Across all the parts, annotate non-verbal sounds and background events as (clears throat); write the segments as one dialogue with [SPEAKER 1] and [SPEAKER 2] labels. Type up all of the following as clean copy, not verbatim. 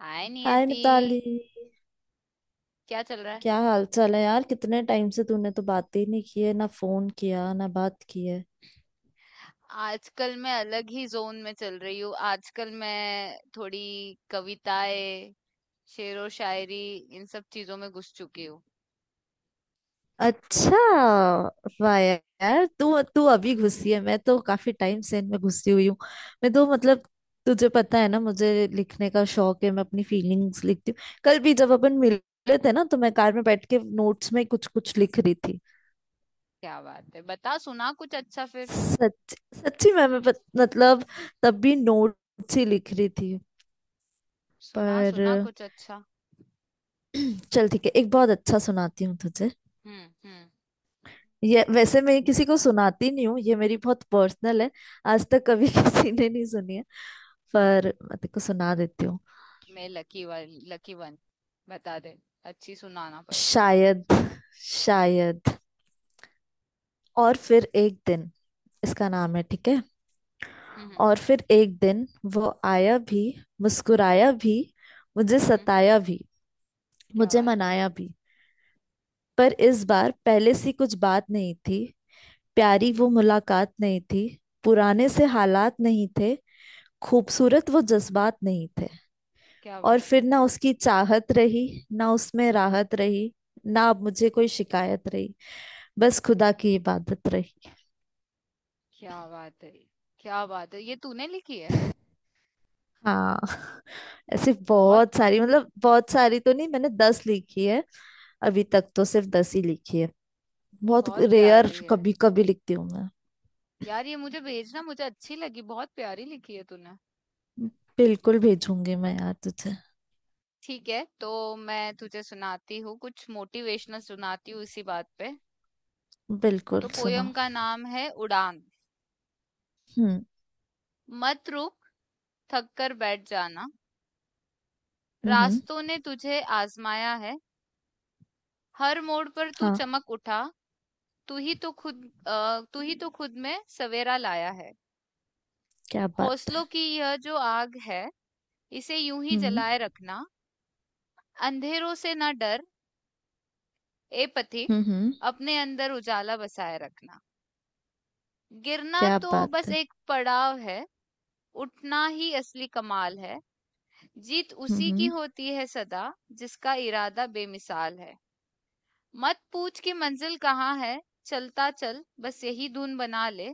[SPEAKER 1] हाय
[SPEAKER 2] hi
[SPEAKER 1] Niyati.
[SPEAKER 2] Mitali.
[SPEAKER 1] क्या चल रहा है?
[SPEAKER 2] क्या हाल चाल है यार? कितने टाइम से तूने तो बात ही नहीं की है, ना फोन किया ना बात की है।
[SPEAKER 1] आजकल मैं अलग ही जोन में चल रही हूँ। आजकल मैं थोड़ी कविताएं, शेरो शायरी, इन सब चीजों में घुस चुकी हूँ।
[SPEAKER 2] अच्छा। वाह यार, तू तू अभी घुसी है, मैं तो काफी टाइम से इनमें घुसी हुई हूँ। मैं तो मतलब तुझे पता है ना, मुझे लिखने का शौक है। मैं अपनी फीलिंग्स लिखती हूँ। कल भी जब अपन मिले थे ना, तो मैं कार में बैठ के नोट्स में कुछ कुछ लिख रही थी।
[SPEAKER 1] क्या बात है! बता, सुना कुछ अच्छा फिर।
[SPEAKER 2] सच। सच्ची में मैं मतलब तब भी नोट्स ही लिख रही थी।
[SPEAKER 1] सुना सुना
[SPEAKER 2] पर
[SPEAKER 1] कुछ अच्छा।
[SPEAKER 2] चल ठीक है, एक बहुत अच्छा सुनाती हूँ तुझे।
[SPEAKER 1] हम्म।
[SPEAKER 2] ये वैसे मैं किसी को सुनाती नहीं हूँ, ये मेरी बहुत पर्सनल है। आज तक कभी (laughs) किसी ने नहीं सुनी है। पर मैं तेको सुना देती हूँ।
[SPEAKER 1] मैं लकी वाली, लकी वन। बता दे। अच्छी सुनाना पर।
[SPEAKER 2] शायद। शायद। और फिर एक दिन। इसका नाम है, ठीक है।
[SPEAKER 1] हम्म
[SPEAKER 2] और फिर एक दिन, वो आया भी, मुस्कुराया भी, मुझे
[SPEAKER 1] हम्म।
[SPEAKER 2] सताया भी,
[SPEAKER 1] क्या
[SPEAKER 2] मुझे
[SPEAKER 1] बात है।
[SPEAKER 2] मनाया भी। पर इस बार पहले सी कुछ बात नहीं थी, प्यारी वो
[SPEAKER 1] हम्म
[SPEAKER 2] मुलाकात नहीं थी, पुराने से
[SPEAKER 1] हम्म।
[SPEAKER 2] हालात नहीं थे, खूबसूरत वो जज्बात नहीं थे।
[SPEAKER 1] क्या
[SPEAKER 2] और
[SPEAKER 1] बात है।
[SPEAKER 2] फिर ना उसकी चाहत रही, ना उसमें राहत रही, ना अब मुझे कोई शिकायत रही, बस खुदा की इबादत रही।
[SPEAKER 1] क्या बात है। क्या बात है, ये तूने लिखी है?
[SPEAKER 2] हाँ (laughs) ऐसे
[SPEAKER 1] बहुत।
[SPEAKER 2] बहुत सारी, मतलब बहुत सारी तो नहीं, मैंने 10 लिखी है। अभी तक तो सिर्फ 10 ही लिखी है। बहुत
[SPEAKER 1] बहुत
[SPEAKER 2] रेयर,
[SPEAKER 1] प्यारी है
[SPEAKER 2] कभी कभी लिखती हूँ मैं।
[SPEAKER 1] यार। ये मुझे भेजना, मुझे अच्छी लगी, बहुत प्यारी लिखी है तूने।
[SPEAKER 2] बिल्कुल भेजूंगी मैं यार तुझे।
[SPEAKER 1] ठीक है, तो मैं तुझे सुनाती हूँ, कुछ मोटिवेशनल सुनाती हूँ इसी बात पे। तो
[SPEAKER 2] बिल्कुल सुना।
[SPEAKER 1] पोयम का नाम है उड़ान।
[SPEAKER 2] हम्म।
[SPEAKER 1] मत रुक, थक कर बैठ जाना।
[SPEAKER 2] हम्म।
[SPEAKER 1] रास्तों ने तुझे आजमाया है। हर मोड़ पर तू
[SPEAKER 2] हाँ।
[SPEAKER 1] चमक उठा। तू ही तो खुद में सवेरा लाया है।
[SPEAKER 2] क्या बात
[SPEAKER 1] हौसलों
[SPEAKER 2] है।
[SPEAKER 1] की यह जो आग है, इसे यूं ही
[SPEAKER 2] हम्म।
[SPEAKER 1] जलाए रखना। अंधेरों से न डर ए
[SPEAKER 2] हम्म।
[SPEAKER 1] पथिक, अपने अंदर उजाला बसाए रखना। गिरना
[SPEAKER 2] क्या
[SPEAKER 1] तो
[SPEAKER 2] बात
[SPEAKER 1] बस
[SPEAKER 2] है।
[SPEAKER 1] एक पड़ाव है, उठना ही असली कमाल है। जीत उसी की
[SPEAKER 2] हम्म।
[SPEAKER 1] होती है सदा, जिसका इरादा बेमिसाल है। मत पूछ कि मंजिल कहाँ है, चलता चल बस यही धुन बना ले।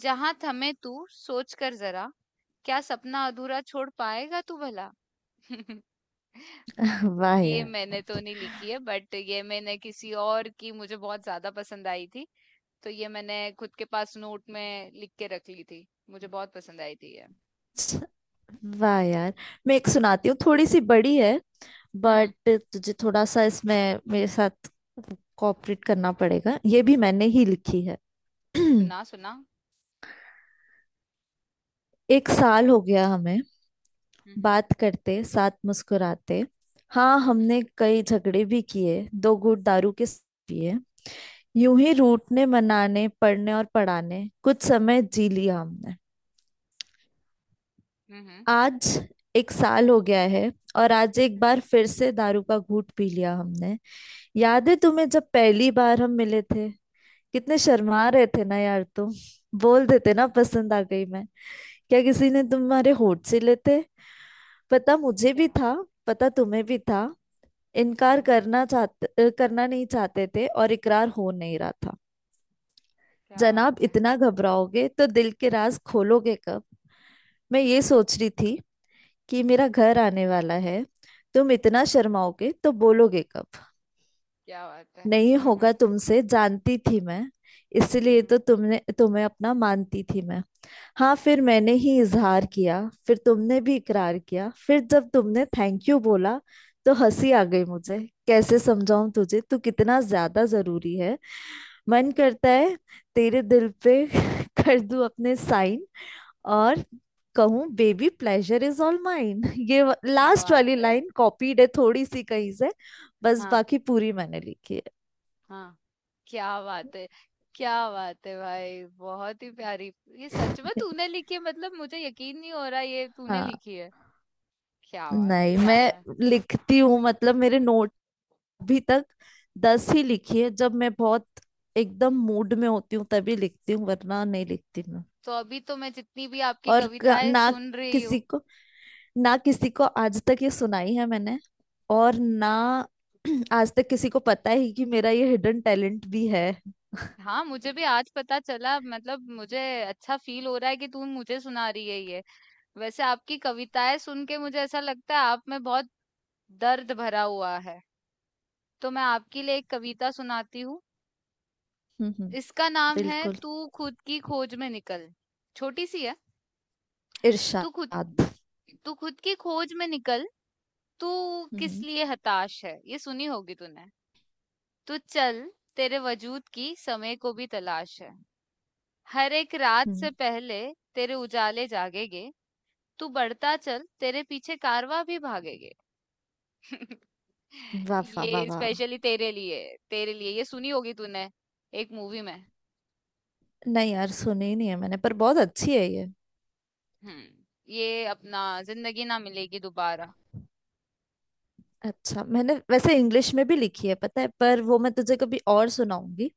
[SPEAKER 1] जहां थमे तू सोच कर जरा, क्या सपना अधूरा छोड़ पाएगा तू भला। (laughs)
[SPEAKER 2] (laughs) वाह
[SPEAKER 1] ये
[SPEAKER 2] यार।
[SPEAKER 1] मैंने तो नहीं लिखी है, बट ये मैंने किसी और की, मुझे बहुत ज्यादा पसंद आई थी। तो ये मैंने खुद के पास नोट में लिख के रख ली थी, मुझे बहुत पसंद आई थी ये।
[SPEAKER 2] वाह यार, मैं एक सुनाती हूँ, थोड़ी सी बड़ी है,
[SPEAKER 1] हम्म।
[SPEAKER 2] बट तुझे थोड़ा सा इसमें मेरे साथ कोऑपरेट करना पड़ेगा। ये भी मैंने ही लिखी है। (clears throat)
[SPEAKER 1] सुना सुना।
[SPEAKER 2] एक साल हो गया हमें
[SPEAKER 1] हम्म
[SPEAKER 2] बात करते, साथ मुस्कुराते। हाँ,
[SPEAKER 1] हम्म।
[SPEAKER 2] हमने कई झगड़े भी किए, दो घूंट दारू के साथ पिए। यूं ही रूठने मनाने, पढ़ने और पढ़ाने, कुछ समय जी लिया हमने।
[SPEAKER 1] हम्म
[SPEAKER 2] आज एक साल हो गया है, और आज एक
[SPEAKER 1] हम्म,
[SPEAKER 2] बार फिर से दारू का घूंट पी लिया हमने। याद है तुम्हें, जब पहली बार हम मिले थे, कितने शर्मा रहे थे ना यार तुम। बोल देते ना, पसंद आ गई मैं, क्या किसी ने तुम्हारे होठ से लेते। पता मुझे भी
[SPEAKER 1] क्या?
[SPEAKER 2] था, पता तुम्हें भी था। इनकार
[SPEAKER 1] हम्म,
[SPEAKER 2] करना चाहते, करना नहीं चाहते थे और इकरार हो नहीं रहा था।
[SPEAKER 1] क्या
[SPEAKER 2] जनाब,
[SPEAKER 1] बात है।
[SPEAKER 2] इतना घबराओगे तो दिल के राज खोलोगे कब? मैं ये सोच रही थी कि मेरा घर आने वाला है, तुम इतना शर्माओगे तो बोलोगे कब?
[SPEAKER 1] क्या बात है।
[SPEAKER 2] नहीं
[SPEAKER 1] हम्म,
[SPEAKER 2] होगा तुमसे, जानती थी मैं। इसलिए
[SPEAKER 1] हम्म,
[SPEAKER 2] तो तुमने, तुम्हें अपना मानती थी मैं। हाँ, फिर मैंने ही इजहार किया, फिर तुमने भी इकरार किया। फिर जब तुमने थैंक यू बोला, तो हंसी आ गई मुझे। कैसे समझाऊं तुझे, तू कितना ज्यादा जरूरी है। मन करता है तेरे दिल पे (laughs) कर दूं अपने साइन, और कहूँ baby pleasure is all mine. (laughs) ये
[SPEAKER 1] क्या
[SPEAKER 2] लास्ट वाली
[SPEAKER 1] बात है।
[SPEAKER 2] लाइन कॉपीड है थोड़ी सी कहीं से, बस
[SPEAKER 1] हाँ
[SPEAKER 2] बाकी पूरी मैंने लिखी है।
[SPEAKER 1] हाँ। क्या बात है। क्या बात है भाई, बहुत ही प्यारी। ये सच में
[SPEAKER 2] (laughs)
[SPEAKER 1] तूने लिखी है? मतलब मुझे यकीन नहीं हो रहा ये तूने
[SPEAKER 2] हाँ।
[SPEAKER 1] लिखी है। क्या बात है,
[SPEAKER 2] नहीं,
[SPEAKER 1] क्या बात
[SPEAKER 2] मैं
[SPEAKER 1] है।
[SPEAKER 2] लिखती हूँ, मतलब मेरे नोट, अभी तक 10 ही लिखी है। जब मैं बहुत एकदम मूड में होती हूँ तभी लिखती हूँ, वरना नहीं लिखती मैं।
[SPEAKER 1] तो अभी तो मैं जितनी भी आपकी
[SPEAKER 2] और
[SPEAKER 1] कविताएं
[SPEAKER 2] ना
[SPEAKER 1] सुन रही हूँ।
[SPEAKER 2] किसी को, ना किसी को आज तक ये सुनाई है मैंने। और ना (clears throat) आज तक किसी को पता है कि मेरा ये हिडन टैलेंट भी है।
[SPEAKER 1] हाँ, मुझे भी आज पता चला, मतलब मुझे अच्छा फील हो रहा है कि तू मुझे सुना रही है ये। वैसे आपकी कविताएं सुन के मुझे ऐसा लगता है आप में बहुत दर्द भरा हुआ है। तो मैं आपके लिए एक कविता सुनाती हूँ।
[SPEAKER 2] हम्म।
[SPEAKER 1] इसका नाम है,
[SPEAKER 2] बिल्कुल।
[SPEAKER 1] तू खुद की खोज में निकल। छोटी सी है। तू खुद
[SPEAKER 2] इरशाद।
[SPEAKER 1] तू खुद की खोज में निकल। तू किस
[SPEAKER 2] हम्म।
[SPEAKER 1] लिए हताश है, ये सुनी होगी तूने। तू चल, तेरे वजूद की समय को भी तलाश है। हर एक रात
[SPEAKER 2] हम्म,
[SPEAKER 1] से पहले तेरे उजाले जागेंगे। तू बढ़ता चल, तेरे पीछे कारवां भी भागेंगे। (laughs)
[SPEAKER 2] वाह वाह
[SPEAKER 1] ये
[SPEAKER 2] वाह वाह।
[SPEAKER 1] स्पेशली तेरे लिए। तेरे लिए, ये सुनी होगी तूने, एक मूवी में।
[SPEAKER 2] नहीं यार, सुनी ही नहीं है मैंने, पर बहुत अच्छी है ये।
[SPEAKER 1] हम्म। ये अपना, जिंदगी ना मिलेगी दोबारा।
[SPEAKER 2] अच्छा, मैंने वैसे इंग्लिश में भी लिखी है, पता है? पर वो मैं तुझे कभी और सुनाऊंगी।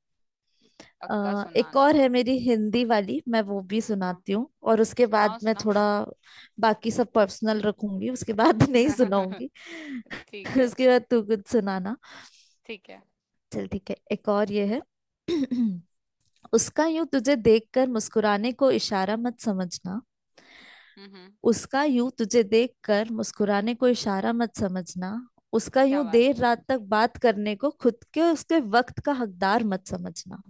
[SPEAKER 1] पक्का
[SPEAKER 2] एक
[SPEAKER 1] सुनाना।
[SPEAKER 2] और है मेरी हिंदी वाली, मैं वो भी
[SPEAKER 1] हाँ,
[SPEAKER 2] सुनाती हूँ, और उसके बाद
[SPEAKER 1] सुनाओ
[SPEAKER 2] मैं
[SPEAKER 1] सुनाओ।
[SPEAKER 2] थोड़ा बाकी सब पर्सनल रखूंगी उसके बाद, (laughs) नहीं
[SPEAKER 1] (laughs)
[SPEAKER 2] सुनाऊंगी।
[SPEAKER 1] ठीक
[SPEAKER 2] (laughs)
[SPEAKER 1] है,
[SPEAKER 2] उसके बाद तू कुछ सुनाना।
[SPEAKER 1] ठीक है।
[SPEAKER 2] चल ठीक है, एक और ये है। (clears throat) उसका यूं तुझे देखकर मुस्कुराने को इशारा मत समझना।
[SPEAKER 1] हम्म हम्म,
[SPEAKER 2] उसका यूं तुझे देखकर मुस्कुराने को इशारा मत समझना। उसका
[SPEAKER 1] क्या
[SPEAKER 2] यूं
[SPEAKER 1] बात
[SPEAKER 2] देर रात
[SPEAKER 1] है।
[SPEAKER 2] तक बात करने को खुद के, उसके वक्त का हकदार मत समझना।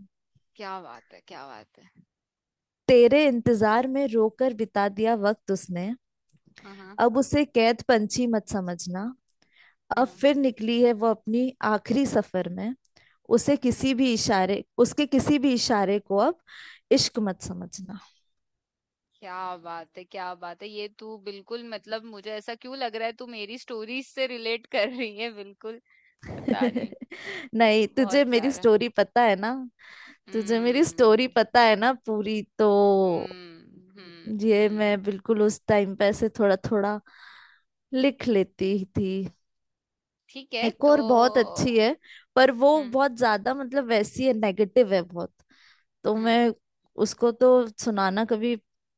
[SPEAKER 1] क्या बात है, क्या बात है।
[SPEAKER 2] तेरे इंतजार में रोकर बिता दिया वक्त उसने,
[SPEAKER 1] हाँ हाँ।
[SPEAKER 2] अब उसे कैद पंछी मत समझना। अब
[SPEAKER 1] हम्म
[SPEAKER 2] फिर निकली है वो अपनी आखिरी सफर में, उसे किसी
[SPEAKER 1] हम्म।
[SPEAKER 2] भी इशारे, उसके किसी भी इशारे को अब इश्क मत समझना।
[SPEAKER 1] क्या बात है, क्या बात है, ये तू बिल्कुल, मतलब मुझे ऐसा क्यों लग रहा है तू मेरी स्टोरीज से रिलेट कर रही है बिल्कुल। पता नहीं।
[SPEAKER 2] (laughs) नहीं, तुझे
[SPEAKER 1] बहुत
[SPEAKER 2] मेरी
[SPEAKER 1] प्यारा।
[SPEAKER 2] स्टोरी पता है ना। तुझे मेरी स्टोरी
[SPEAKER 1] हम्म
[SPEAKER 2] पता है ना पूरी तो।
[SPEAKER 1] हम्म।
[SPEAKER 2] ये
[SPEAKER 1] हम्म।
[SPEAKER 2] मैं बिल्कुल उस टाइम पे ऐसे थोड़ा थोड़ा लिख लेती थी।
[SPEAKER 1] ठीक है
[SPEAKER 2] एक
[SPEAKER 1] तो।
[SPEAKER 2] और बहुत अच्छी है, पर वो
[SPEAKER 1] हम्म
[SPEAKER 2] बहुत ज्यादा, मतलब वैसी है, नेगेटिव है बहुत। तो
[SPEAKER 1] हम्म।
[SPEAKER 2] मैं उसको तो सुनाना कभी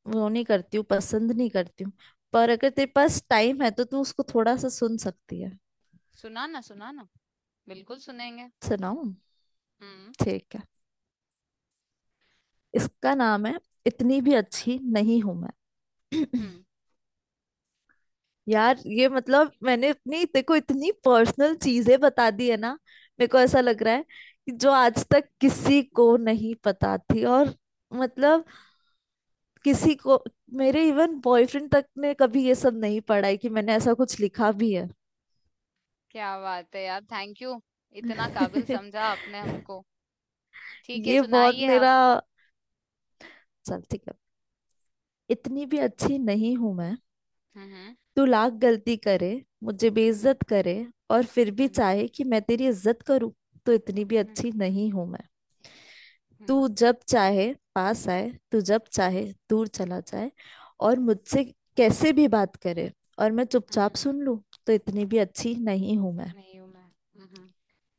[SPEAKER 2] वो नहीं करती हूँ, पसंद नहीं करती हूँ। पर अगर तेरे पास टाइम है तो तू उसको थोड़ा सा सुन सकती है।
[SPEAKER 1] सुना ना, सुना ना, बिल्कुल सुनेंगे।
[SPEAKER 2] सुनाऊँ?
[SPEAKER 1] हम्म
[SPEAKER 2] ठीक है। इसका नाम है, इतनी भी अच्छी नहीं हूं मैं।
[SPEAKER 1] हम्म।
[SPEAKER 2] (clears throat) यार, ये मतलब मैंने अपनी, देखो इतनी पर्सनल चीजें बता दी है ना। मेरे को ऐसा लग रहा है कि जो आज तक किसी को नहीं पता थी, और मतलब किसी को, मेरे इवन बॉयफ्रेंड तक ने कभी ये सब नहीं पढ़ा है कि मैंने ऐसा कुछ लिखा भी है।
[SPEAKER 1] क्या बात है यार, थैंक यू। इतना काबिल
[SPEAKER 2] (laughs)
[SPEAKER 1] समझा आपने हमको। ठीक है,
[SPEAKER 2] ये बहुत
[SPEAKER 1] सुनाइए आप।
[SPEAKER 2] मेरा। चल ठीक है। इतनी भी अच्छी नहीं हूं मैं।
[SPEAKER 1] हम्म
[SPEAKER 2] तू लाख गलती करे, मुझे
[SPEAKER 1] हम्म
[SPEAKER 2] बेइज्जत करे, और फिर भी
[SPEAKER 1] हम्म।
[SPEAKER 2] चाहे कि मैं तेरी इज्जत करूं, तो इतनी
[SPEAKER 1] हम्म
[SPEAKER 2] भी
[SPEAKER 1] हम्म
[SPEAKER 2] अच्छी नहीं हूं मैं।
[SPEAKER 1] हम्म।
[SPEAKER 2] तू जब चाहे पास आए, तू जब चाहे दूर चला जाए, और मुझसे कैसे भी बात करे, और मैं चुपचाप
[SPEAKER 1] हम्म।
[SPEAKER 2] सुन लूं, तो इतनी भी अच्छी नहीं हूं मैं।
[SPEAKER 1] नहीं हूं मैं। हम्म।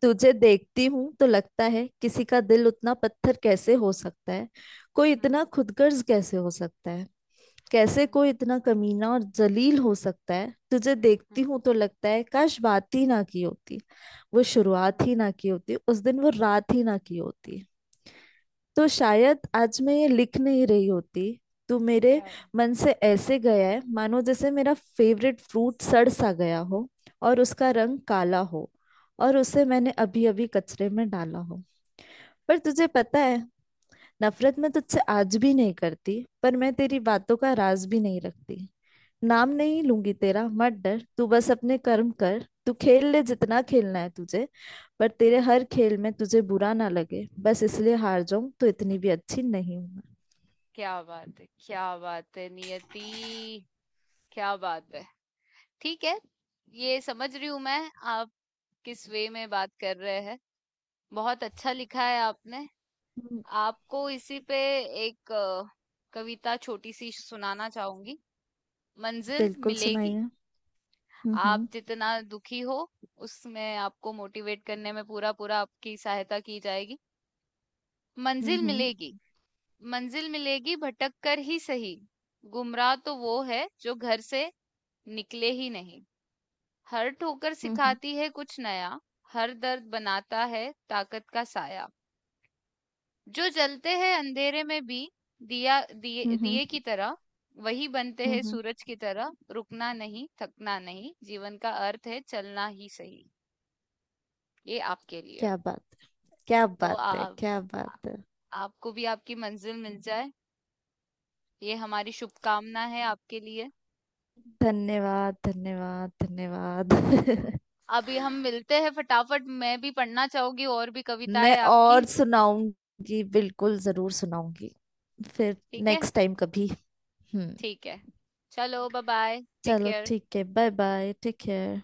[SPEAKER 2] तुझे देखती हूं तो लगता है किसी का दिल उतना पत्थर कैसे हो सकता है, कोई
[SPEAKER 1] हुँ,
[SPEAKER 2] इतना खुदगर्ज कैसे हो सकता है, कैसे
[SPEAKER 1] हुँ,
[SPEAKER 2] कोई इतना कमीना और जलील हो सकता है। तुझे
[SPEAKER 1] हुँ,
[SPEAKER 2] देखती हूं तो लगता है काश बात ही ना की होती, वो
[SPEAKER 1] हुँ,
[SPEAKER 2] शुरुआत ही ना की होती, उस दिन वो रात ही ना की होती, तो शायद आज मैं ये लिख नहीं रही होती। तो मेरे
[SPEAKER 1] क्या?
[SPEAKER 2] मन से ऐसे गया है मानो जैसे मेरा फेवरेट फ्रूट सड़ सा गया हो, और उसका रंग काला हो, और उसे मैंने अभी अभी कचरे में डाला हो। पर तुझे पता है, नफरत मैं तुझसे आज भी नहीं करती, पर मैं तेरी बातों का राज भी नहीं रखती। नाम नहीं लूंगी तेरा, मत डर, तू बस अपने कर्म कर। तू खेल ले जितना खेलना है तुझे, पर
[SPEAKER 1] हुँ,
[SPEAKER 2] तेरे हर खेल में तुझे बुरा ना लगे बस इसलिए हार जाऊं, तो इतनी भी अच्छी नहीं हूं मैं।
[SPEAKER 1] क्या बात है। क्या बात है नियति। क्या बात है। ठीक है। ये समझ रही हूं मैं, आप किस वे में बात कर रहे हैं। बहुत अच्छा लिखा है आपने।
[SPEAKER 2] हम्म,
[SPEAKER 1] आपको इसी पे एक कविता छोटी सी सुनाना चाहूंगी। मंजिल
[SPEAKER 2] बिल्कुल सुनाइए।
[SPEAKER 1] मिलेगी।
[SPEAKER 2] हम्म।
[SPEAKER 1] आप
[SPEAKER 2] हम्म।
[SPEAKER 1] जितना दुखी हो, उसमें आपको मोटिवेट करने में पूरा पूरा आपकी सहायता की जाएगी। मंजिल
[SPEAKER 2] हम्म।
[SPEAKER 1] मिलेगी। मंजिल मिलेगी भटक कर ही सही। गुमराह तो वो है जो घर से निकले ही नहीं। हर ठोकर
[SPEAKER 2] हम्म।
[SPEAKER 1] सिखाती है कुछ नया। हर दर्द बनाता है ताकत का साया। जो जलते हैं अंधेरे में भी दिया दिए
[SPEAKER 2] हम्म। हम्म।
[SPEAKER 1] दिए की तरह, वही बनते
[SPEAKER 2] हम्म।
[SPEAKER 1] हैं सूरज की तरह। रुकना नहीं, थकना नहीं, जीवन का अर्थ है चलना ही सही। ये आपके लिए।
[SPEAKER 2] क्या बात है, क्या
[SPEAKER 1] तो
[SPEAKER 2] बात है,
[SPEAKER 1] आप,
[SPEAKER 2] क्या बात है।
[SPEAKER 1] आपको भी आपकी मंजिल मिल जाए, ये हमारी शुभकामना है आपके लिए।
[SPEAKER 2] धन्यवाद धन्यवाद धन्यवाद।
[SPEAKER 1] अभी हम मिलते हैं फटाफट, मैं भी पढ़ना चाहूंगी और भी
[SPEAKER 2] (laughs)
[SPEAKER 1] कविताएं
[SPEAKER 2] मैं और
[SPEAKER 1] आपकी।
[SPEAKER 2] सुनाऊंगी, बिल्कुल जरूर सुनाऊंगी। फिर
[SPEAKER 1] ठीक है,
[SPEAKER 2] नेक्स्ट टाइम कभी। हम्म।
[SPEAKER 1] ठीक है। चलो बाय बाय, टेक
[SPEAKER 2] चलो
[SPEAKER 1] केयर।
[SPEAKER 2] ठीक है, बाय बाय, टेक केयर।